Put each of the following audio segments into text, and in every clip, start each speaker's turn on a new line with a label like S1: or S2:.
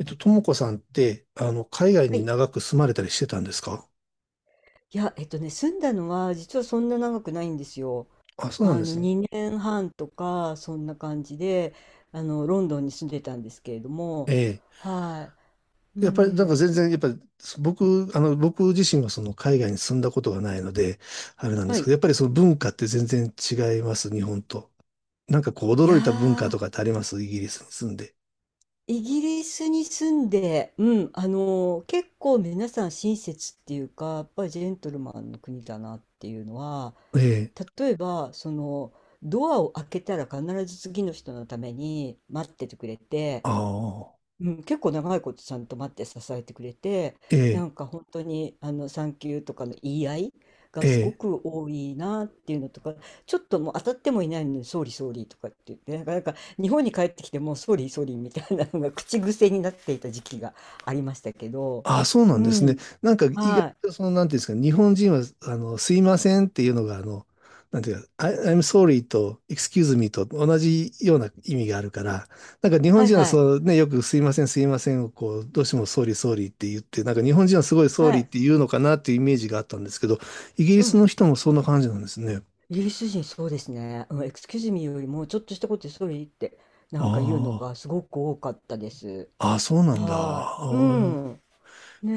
S1: ともこさんって、海外
S2: は
S1: に
S2: い。
S1: 長く住まれたりしてたんですか？
S2: いや、ね、住んだのは実はそんな長くないんですよ。
S1: あ、そうなんですね。
S2: 2年半とかそんな感じで、ロンドンに住んでたんですけれども、
S1: ええ。
S2: はい、う
S1: やっぱり、なんか
S2: ん、
S1: 全然、やっぱり、僕、あの、僕自身はその海外に住んだことがないので、あれなんで
S2: は
S1: すけ
S2: い。
S1: ど、やっぱりその文化って全然違います、日本と。なんかこう、
S2: い
S1: 驚
S2: や
S1: いた文化と
S2: ー、
S1: かってありますイギリスに住んで？
S2: イギリスに住んで、うん、結構皆さん親切っていうか、やっぱりジェントルマンの国だなっていうのは、
S1: ええ。
S2: 例えばそのドアを開けたら必ず次の人のために待っててくれて。
S1: ああ。
S2: うん、結構長いことちゃんと待って支えてくれて、
S1: え
S2: な
S1: え。
S2: んか本当に産休とかの言い合いがすご
S1: え
S2: く多いなっていうのとか、ちょっともう当たってもいないのに、総理総理とかって言って、なんか日本に帰ってきてもう総理総理みたいなのが口癖になっていた時期がありましたけど、
S1: あ、そうな
S2: う
S1: んですね。
S2: ん、
S1: なんか意外
S2: はい、
S1: とその、なんていうんですか、日本人は、すいませんっていうのが、なんていうか、I'm sorry と excuse me と同じような意味があるから、なんか日本
S2: はい
S1: 人は
S2: はい、
S1: そうね、よくすいません、すいませんをこう、どうしても sorry, sorry って言って、なんか日本人はすごい
S2: は
S1: sorry っ
S2: い、
S1: て言うのかなっていうイメージがあったんですけど、イギリ
S2: う
S1: ス
S2: ん、
S1: の人もそんな感じなんですね。
S2: イギリス人そうですね、うん、エクスキューズミーよりもちょっとしたことで総理ってなんか言うの
S1: あ
S2: がすごく多かったです。
S1: あ、あ、そうなんだ。
S2: はーい、
S1: あ
S2: う
S1: ー。
S2: ん。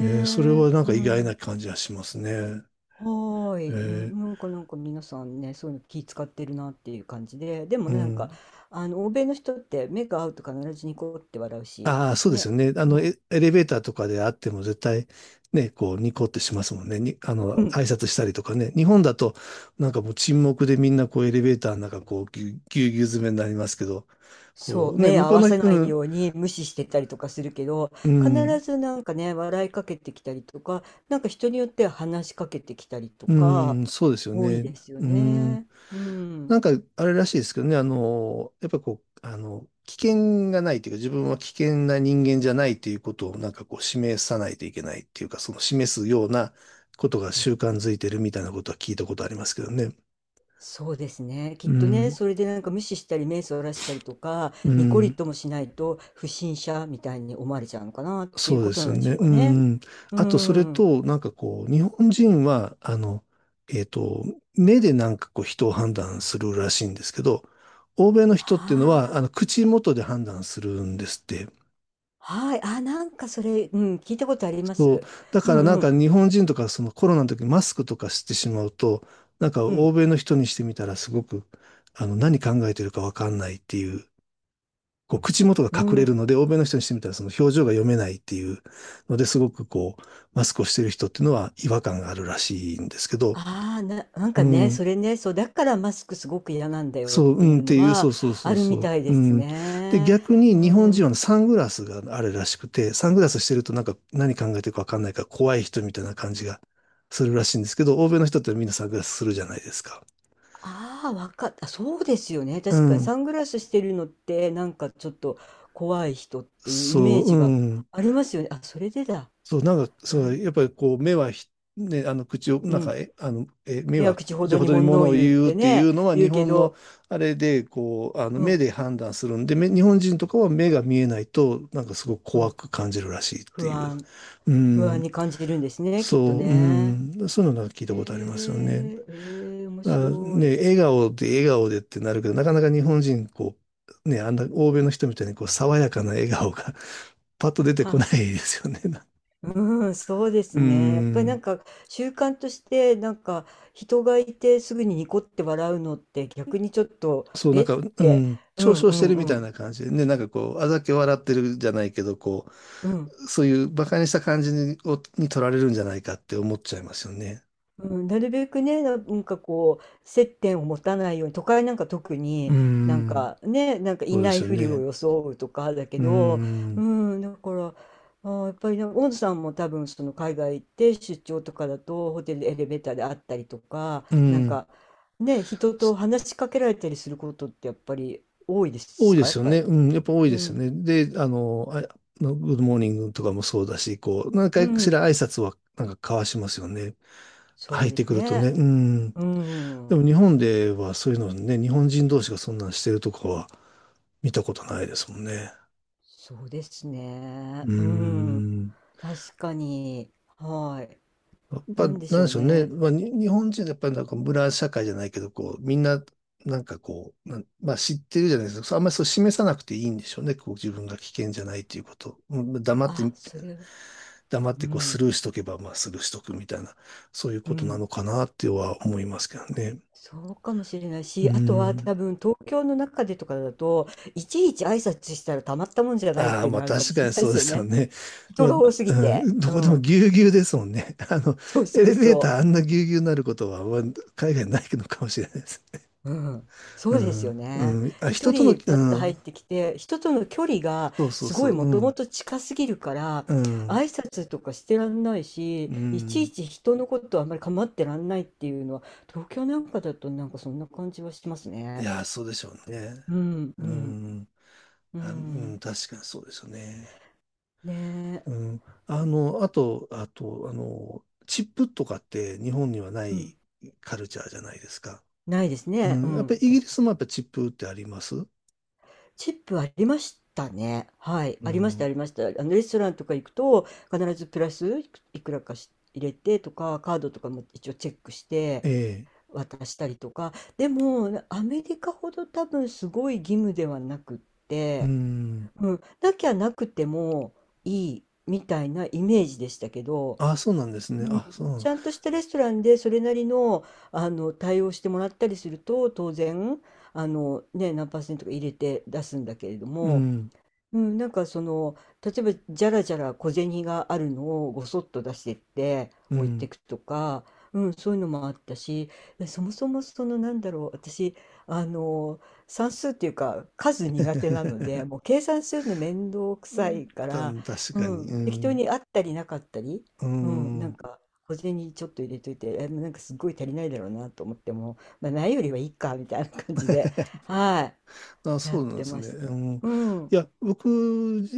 S1: それはなん
S2: え、う
S1: か意外
S2: ん。
S1: な感じがしますね。
S2: はーい。う
S1: え
S2: ん、なんか皆さんね、そういうの気使ってるなっていう感じで、でも
S1: う
S2: ね、なんか、
S1: ん。
S2: 欧米の人って目が合うと必ずニコって笑うし、
S1: ああ、そうです
S2: ね。
S1: よね。
S2: うん。
S1: エレベーターとかであっても絶対、ね、こう、ニコってしますもんね。に、あの、
S2: うん。
S1: 挨拶したりとかね。日本だと、なんかもう沈黙でみんなこう、エレベーターの中、こう、ぎゅうぎゅう詰めになりますけど、
S2: そ
S1: こ
S2: う、
S1: う、ね、
S2: 目
S1: 向
S2: 合
S1: こう
S2: わ
S1: の、
S2: せな
S1: う
S2: い
S1: ん、
S2: ように無視してたりとかするけど、
S1: う
S2: 必
S1: ん。
S2: ずなんかね、笑いかけてきたりとか、なんか人によっては話しかけてきたりと
S1: う
S2: か、
S1: ーん、そうですよ
S2: 多い
S1: ね。
S2: ですよ
S1: うーん。
S2: ね。う
S1: な
S2: ん。
S1: んか、あれらしいですけどね、やっぱこう、危険がないというか、自分は危険な人間じゃないということを、なんかこう、示さないといけないっていうか、その示すようなことが習慣づいてるみたいなことは聞いたことありますけどね。
S2: そうですね。き
S1: う
S2: っとね、
S1: ん、
S2: それでなんか無視したり目そらしたりとか、
S1: う
S2: ニコリ
S1: ん。
S2: ともしないと不審者みたいに思われちゃうのかなってい
S1: そ
S2: う
S1: う
S2: こ
S1: で
S2: と
S1: す
S2: なん
S1: よ
S2: でし
S1: ね。
S2: ょうか
S1: う
S2: ね。
S1: ん。
S2: う
S1: あと、それ
S2: ん。
S1: と、なんかこう、日本人は、えっと、目でなんかこう、人を判断するらしいんですけど、欧米の人って
S2: は
S1: いうのは、
S2: あ。
S1: 口元で判断するんですって。
S2: はい。あ、なんかそれ、うん、聞いたことありま
S1: そう。
S2: す。
S1: だ
S2: う
S1: からな
S2: ん
S1: ん
S2: うん。
S1: か日本人とか、そのコロナの時にマスクとかしてしまうと、なんか
S2: う
S1: 欧
S2: ん。
S1: 米の人にしてみたら、すごく、何考えてるかわかんないっていう、こう口元が
S2: う
S1: 隠れ
S2: ん。
S1: るので、欧米の人にしてみたらその表情が読めないっていうのですごくこう、マスクをしている人っていうのは違和感があるらしいんですけど、
S2: ああ、な、なん
S1: う
S2: かね、
S1: ん、
S2: それね、そう、だからマスクすごく嫌なんだよっ
S1: そう、う
S2: て
S1: ん
S2: い
S1: っ
S2: う
S1: て
S2: の
S1: いう、そ
S2: は
S1: うそうそ
S2: あ
S1: う
S2: るみ
S1: そう、
S2: たい
S1: う
S2: です
S1: ん。で、
S2: ね。
S1: 逆に
S2: う
S1: 日本人
S2: ん。
S1: はサングラスがあるらしくて、サングラスしてるとなんか何考えてるかわかんないから怖い人みたいな感じがするらしいんですけど、欧米の人ってみんなサングラスするじゃないですか。
S2: ああ、わかった。そうですよね。
S1: う
S2: 確かに
S1: ん。
S2: サングラスしてるのって、なんかちょっと怖い人っていうイメ
S1: そ
S2: ー
S1: う、う
S2: ジが
S1: ん。
S2: ありますよね。あ、それでだ。
S1: そう、なんか、そ
S2: な
S1: う、
S2: ん、
S1: やっぱりこう、目はひ、ね、口を、
S2: う
S1: なんか、
S2: ん。
S1: え、あの、え、目
S2: 目は
S1: は
S2: 口ほ
S1: 口
S2: ど
S1: ほ
S2: に
S1: どにも
S2: 物を
S1: のを
S2: 言うっ
S1: 言うっ
S2: て
S1: てい
S2: ね、
S1: うのは、日
S2: 言うけ
S1: 本の
S2: ど、
S1: あれで、こう、
S2: う
S1: 目
S2: ん、
S1: で判断するんで、日本人とかは目が見えないと、なんかすごく
S2: う
S1: 怖
S2: ん。
S1: く感じるらしいって
S2: 不
S1: いう。
S2: 安、
S1: う
S2: 不安
S1: ん、
S2: に感じるんですね、きっと
S1: そう、う
S2: ね。
S1: ん、そういうのなんか聞い
S2: へ
S1: たことありますよね。
S2: え、ええ、面
S1: あ、
S2: 白い。
S1: ね、笑顔で笑顔でってなるけど、なかなか日本人、こう、ね、あんな欧米の人みたいに、こう、爽やかな笑顔が パッと出てこ
S2: は
S1: ない
S2: い。
S1: ですよね。
S2: うん、そうです
S1: う
S2: ね。やっぱりなん
S1: ん。
S2: か習慣としてなんか人がいてすぐにニコって笑うのって逆にちょっと、
S1: そう、な
S2: え
S1: ん
S2: っ
S1: か、う
S2: て、
S1: ん、
S2: う
S1: 嘲
S2: ん
S1: 笑
S2: う
S1: して
S2: ん
S1: るみ
S2: う
S1: たいな
S2: ん、
S1: 感じでね、なんかこう、あざけ笑ってるじゃないけど、こ
S2: うん。
S1: う、そういう馬鹿にした感じに、をに取られるんじゃないかって思っちゃいますよね。
S2: うん、なるべくね、なんかこう、接点を持たないように、都会なんか特
S1: うー
S2: になん
S1: ん。
S2: かね、なんかい
S1: そうで
S2: ない
S1: すよ
S2: ふりを
S1: ね。
S2: 装うとかだけ
S1: うー
S2: ど、う
S1: ん、
S2: ん、だから、やっぱりなんか、大野さんも多分その海外行って出張とかだと、ホテルでエレベーターで会ったりとか、
S1: う
S2: なん
S1: ん、
S2: かね、人と
S1: そ
S2: 話しかけられたりすることってやっぱり多いで
S1: 多い
S2: す
S1: で
S2: か、や
S1: す
S2: っ
S1: よ
S2: ぱ
S1: ね。
S2: り。
S1: うん、やっぱ多い
S2: う
S1: ですよ
S2: ん、
S1: ね。で、あのグッドモーニングとかもそうだし、こう、何
S2: う
S1: 回かし
S2: ん、
S1: ら挨拶はなんか交わしますよね。
S2: そ
S1: 入
S2: う
S1: っ
S2: で
S1: て
S2: す
S1: くるとね。
S2: ね。
S1: うん。
S2: う
S1: で
S2: ん。
S1: も日本ではそういうのね、日本人同士がそんなんしてるとこは見たことないですもんね。
S2: そうです
S1: う
S2: ね。
S1: ー
S2: うん。
S1: ん。
S2: 確かに。はい。
S1: やっぱ、
S2: な
S1: なん
S2: んでしょ
S1: で
S2: う
S1: しょうね。
S2: ね。
S1: まあ、日本人はやっぱりなんか村社会じゃないけど、こう、みんな、なんかこう、まあ知ってるじゃないですか。あんまりそう示さなくていいんでしょうね。こう自分が危険じゃないっていうこと。うん黙って、
S2: あ、それは、
S1: 黙っ
S2: う
S1: てこうスルー
S2: ん。
S1: しとけば、まあスルーしとくみたいな、そういう
S2: う
S1: ことな
S2: ん。
S1: のかなっては思いますけどね。
S2: そうかもしれない
S1: うー
S2: し、あとは
S1: ん。
S2: 多分東京の中でとかだと、いちいち挨拶したらたまったもんじゃないっ
S1: ああ、
S2: ていう
S1: まあ
S2: のあるかも
S1: 確
S2: し
S1: か
S2: れ
S1: に
S2: ないで
S1: そうで
S2: すよ
S1: すよ
S2: ね。
S1: ね。ま
S2: 人
S1: あ、
S2: が多すぎ
S1: う
S2: て。
S1: ん、ど
S2: う
S1: こでも
S2: ん。
S1: ぎゅうぎゅうですもんね。
S2: そうそ
S1: エ
S2: う
S1: レベー
S2: そ
S1: ターあ
S2: う。
S1: んなぎゅうぎゅうになることは、まあ海外ないのかもしれないです。
S2: うん、そ
S1: う
S2: うですよ
S1: ん、う
S2: ね。
S1: ん、あ、
S2: 一
S1: 人との、
S2: 人
S1: う
S2: パッと入っ
S1: ん、
S2: てきて、人との距離が
S1: そうそう
S2: す
S1: そ
S2: ごい
S1: う、
S2: も
S1: う
S2: とも
S1: ん、
S2: と近すぎるから、
S1: うん、
S2: 挨拶とかしてらんないし、
S1: う
S2: いち
S1: ん。
S2: いち人のことあんまり構ってらんないっていうのは、東京なんかだとなんかそんな感じはします
S1: い
S2: ね。
S1: やそうでしょうね。
S2: うん、う
S1: う
S2: ん、
S1: ん、
S2: う
S1: あ、う
S2: ん。
S1: ん、確かにそうですよね。
S2: ねえ。
S1: うん、あと、チップとかって日本にはな
S2: うん。
S1: いカルチャーじゃないですか。
S2: ないです
S1: う
S2: ね。う
S1: ん、やっぱり
S2: ん、
S1: イギ
S2: 確
S1: リ
S2: かに。
S1: スもやっぱチップってあります？
S2: チップありましたね。はい。
S1: う
S2: ありました、あ
S1: ん、
S2: りました。レストランとか行くと、必ずプラスいくらかし入れてとか、カードとかも一応チェックして
S1: ええ、
S2: 渡したりとか。でも、アメリカほど多分すごい義務ではなく、
S1: うん。
S2: うん、なきゃなくてもいいみたいなイメージでしたけど、
S1: あ、そうなんですね。
S2: うん、
S1: あ、そ
S2: ち
S1: う。
S2: ゃんとしたレストランでそれなりの、対応してもらったりすると当然ね、何パーセントか入れて出すんだけれど
S1: う
S2: も、
S1: ん、
S2: うん、なんかその、例えばじゃらじゃら小銭があるのをごそっと出してって
S1: う
S2: 置いて
S1: ん。
S2: いくとか、うん、そういうのもあったし、そもそもなんだろう、私、あの、算数っていうか数苦手なので、もう 計算するの面倒く
S1: う
S2: さ
S1: ん
S2: いから、
S1: た確
S2: う
S1: かに。
S2: ん、
S1: う
S2: 適当
S1: ん。
S2: にあったりなかったり、
S1: う
S2: うん、な
S1: ん。
S2: んか小銭ちょっと入れといて、えなんかすごい足りないだろうなと思っても、まあ、ないよりはいいかみたいな感じで、は
S1: あ、
S2: い、や
S1: そ
S2: っ
S1: うなんで
S2: て
S1: す
S2: ま
S1: ね。
S2: した。
S1: うん。い
S2: うん。
S1: や、僕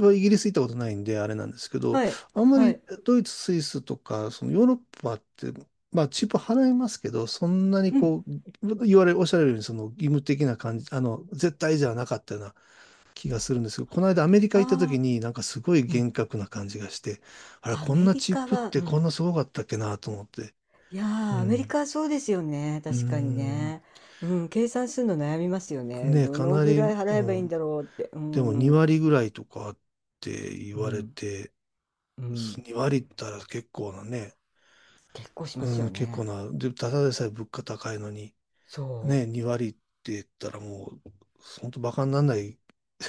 S1: はイギリス行ったことないんで、あれなんですけど、
S2: はい、
S1: あんま
S2: は
S1: り
S2: い。
S1: ドイツ、スイスとか、そのヨーロッパって、まあ、チップ払いますけど、そんなに
S2: うん。
S1: こう、言われ、おっしゃられるように、その義務的な感じ、絶対じゃなかったような気がするんですけど、この間アメリカ行った時
S2: ああ、
S1: になんかすごい
S2: うん。
S1: 厳格な感じがして、あれ、
S2: ア
S1: こん
S2: メ
S1: な
S2: リ
S1: チッ
S2: カ
S1: プっ
S2: は、う
S1: てこん
S2: ん。
S1: なすごかったっけなと思って。
S2: いやー、
S1: う
S2: アメリ
S1: ん。
S2: カはそうですよね。
S1: うー
S2: 確かに
S1: ん。
S2: ね。うん、計算するの悩みますよね。
S1: ねえ、
S2: ど
S1: か
S2: の
S1: な
S2: ぐら
S1: り、
S2: い払え
S1: う
S2: ばいいん
S1: ん。
S2: だろうって。う
S1: でも2
S2: ん。
S1: 割ぐらいとかって言
S2: う
S1: われ
S2: ん。
S1: て、
S2: うん。
S1: 2割ったら結構なね、
S2: 結構します
S1: う
S2: よ
S1: ん、結構
S2: ね。
S1: な、で、ただでさえ物価高いのに、
S2: そ
S1: ね、2割って言ったらもう、本当バカにならない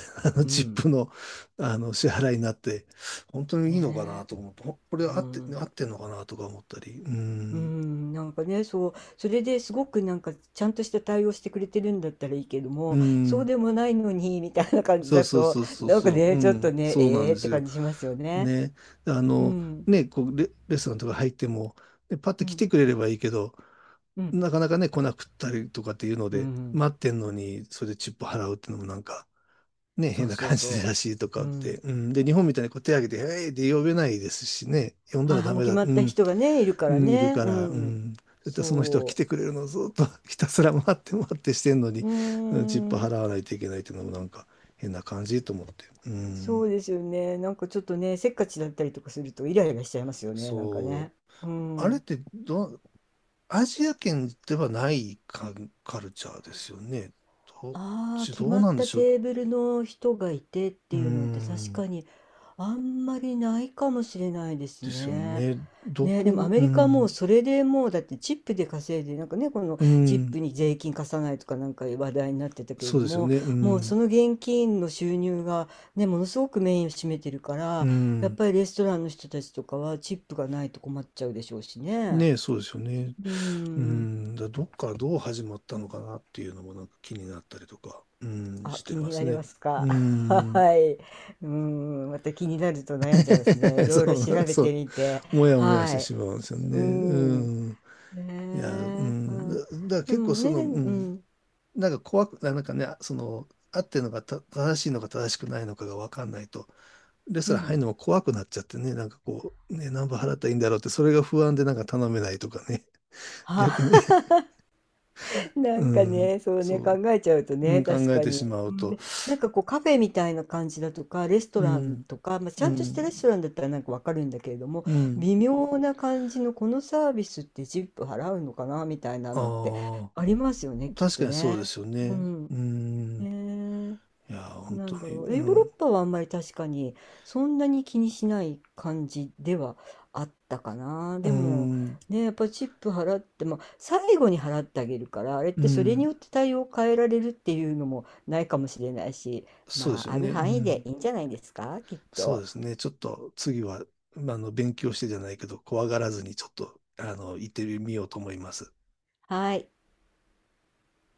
S2: う。う
S1: チッ
S2: ん。
S1: プの、支払いになって、本当にいいのか
S2: ね
S1: なと思って、こ
S2: え、
S1: れ
S2: う
S1: 合って、
S2: ん、
S1: 合ってんのかなとか思ったり、う
S2: う
S1: ん、
S2: ん、なんかね、そう、それですごくなんかちゃんとした対応してくれてるんだったらいいけど
S1: う
S2: も、そう
S1: ん、
S2: でもないのにみたいな感じ
S1: そう
S2: だ
S1: そう
S2: と、
S1: そうそう
S2: なんか
S1: そう、う
S2: ね、ちょっと
S1: ん、
S2: ね、
S1: そうな
S2: え
S1: ん
S2: えっ
S1: です
S2: て
S1: よ。
S2: 感じしますよね。
S1: ね、あ
S2: う
S1: の、
S2: ん、
S1: ね、こうレストランとか入っても、ねパッと
S2: う
S1: 来
S2: ん、
S1: てくれればいいけど、
S2: うん、
S1: なかなかね、来なくったりとかっていうの
S2: う
S1: で、
S2: ん、
S1: 待ってんのに、それでチップ払うっていうのもなんか、ね、
S2: そ
S1: 変
S2: う
S1: な
S2: そう
S1: 感じ
S2: そ
S1: らしいと
S2: う。
S1: か
S2: う
S1: って、
S2: ん。
S1: うん、で、日本みたいにこう手挙げて、えいって呼べないですしね、呼んだら
S2: 母
S1: ダ
S2: も
S1: メ
S2: 決
S1: だ、
S2: まっ
S1: う
S2: た
S1: ん、
S2: 人がね、いるか
S1: う
S2: ら
S1: ん、いる
S2: ね。
S1: か
S2: う
S1: ら、う
S2: ん。
S1: ん。だってその人は来
S2: そ
S1: てくれるのをずっと ひたすら待って待ってしてんのに、
S2: う。うー
S1: うん、チップ
S2: ん。
S1: 払わないといけないっていうのもなんか変な感じと思って。う
S2: そ
S1: ん。
S2: うですよね。なんかちょっとね、せっかちだったりとかするとイライラしちゃいますよね、なんか
S1: そ
S2: ね。
S1: う。
S2: う
S1: あれっ
S2: ん。
S1: てど、アジア圏ではないカルチャーですよね。ど、
S2: ああ、決
S1: どう
S2: まっ
S1: なんで
S2: た
S1: しょう。
S2: テーブルの人がいてっ
S1: う
S2: ていうのって確
S1: ん。
S2: かにあんまりないかもしれないです
S1: ですよ
S2: ね。
S1: ね。
S2: ね、でもア
S1: う
S2: メリカはもう
S1: ん。
S2: それでもうだってチップで稼いでなんかね、この
S1: う
S2: チッ
S1: ん。
S2: プに税金貸さないとかなんか話題になってたけれ
S1: そう
S2: ど
S1: ですよ
S2: も、
S1: ね。う
S2: もうそ
S1: ん。
S2: の現金の収入がね、ものすごくメインを占めてるか
S1: う
S2: ら、やっ
S1: ん。
S2: ぱりレストランの人たちとかはチップがないと困っちゃうでしょうしね。
S1: ねえ、そうですよね。
S2: う
S1: う
S2: ん。
S1: ん、だどっからどう始まったのかなっていうのもなんか気になったりとか、うん、
S2: あ、
S1: して
S2: 気
S1: ま
S2: に
S1: す
S2: なり
S1: ね。
S2: ますか？
S1: う ん。
S2: はい。うん。また気になると悩んじゃいますね、い ろい
S1: そ
S2: ろ調
S1: う、
S2: べ
S1: そ
S2: て
S1: う。
S2: みて。
S1: もやもやして
S2: はい。
S1: しまうんですよね。
S2: う
S1: う
S2: ん。
S1: ん。
S2: へ
S1: いや、う
S2: え。
S1: ん。だ、だ
S2: は
S1: から
S2: い。で
S1: 結構
S2: も
S1: そ
S2: ね、
S1: の、う
S2: う
S1: ん。
S2: ん、
S1: なんか怖く、なんかね、その、合ってるのが正しいのか正しくないのかが分かんないと、レス
S2: う
S1: トラン入
S2: ん。
S1: るのも怖くなっちゃってね、なんかこう、ね、何分払ったらいいんだろうって、それが不安でなんか頼めないとかね、逆に、
S2: は、な
S1: う
S2: んか
S1: ん、
S2: ね、そうね、考
S1: そ
S2: えちゃうと
S1: う、う
S2: ね、
S1: ん、考
S2: 確
S1: え
S2: か
S1: て
S2: に。
S1: しま
S2: う
S1: う
S2: ん
S1: と、
S2: で、なんかこうカフェみたいな感じだとか、レスト
S1: う
S2: ラン
S1: ん、
S2: とか、まあ、ち
S1: う
S2: ゃんとしたレス
S1: ん、
S2: トランだったらなんかわかるんだけれども、
S1: うん。
S2: 微妙な感じのこのサービスってジップ払うのかなみたいなのって
S1: あ
S2: ありますよね、
S1: あ、
S2: きっ
S1: 確か
S2: と
S1: にそう
S2: ね。
S1: ですよ
S2: う
S1: ね。
S2: ん。
S1: うん。
S2: ねえ、
S1: いや本
S2: な
S1: 当
S2: んだ
S1: に。
S2: ろ
S1: う
S2: う、え、ヨーロ
S1: ん、
S2: ッパはあんまり確かにそんなに気にしない感じではあったかな。
S1: う
S2: でも
S1: ん、
S2: ね、やっぱチップ払っても最後に払ってあげるから、あれっ
S1: う
S2: てそれに
S1: ん。
S2: よって対応を変えられるっていうのもないかもしれないし、
S1: そうで
S2: ま
S1: す
S2: あ
S1: よ
S2: ある
S1: ね。う
S2: 範囲で
S1: ん。
S2: いいんじゃないですか、きっ
S1: そう
S2: と。
S1: ですね。ちょっと次は、まあ勉強してじゃないけど、怖がらずにちょっと、行ってみようと思います。
S2: はい。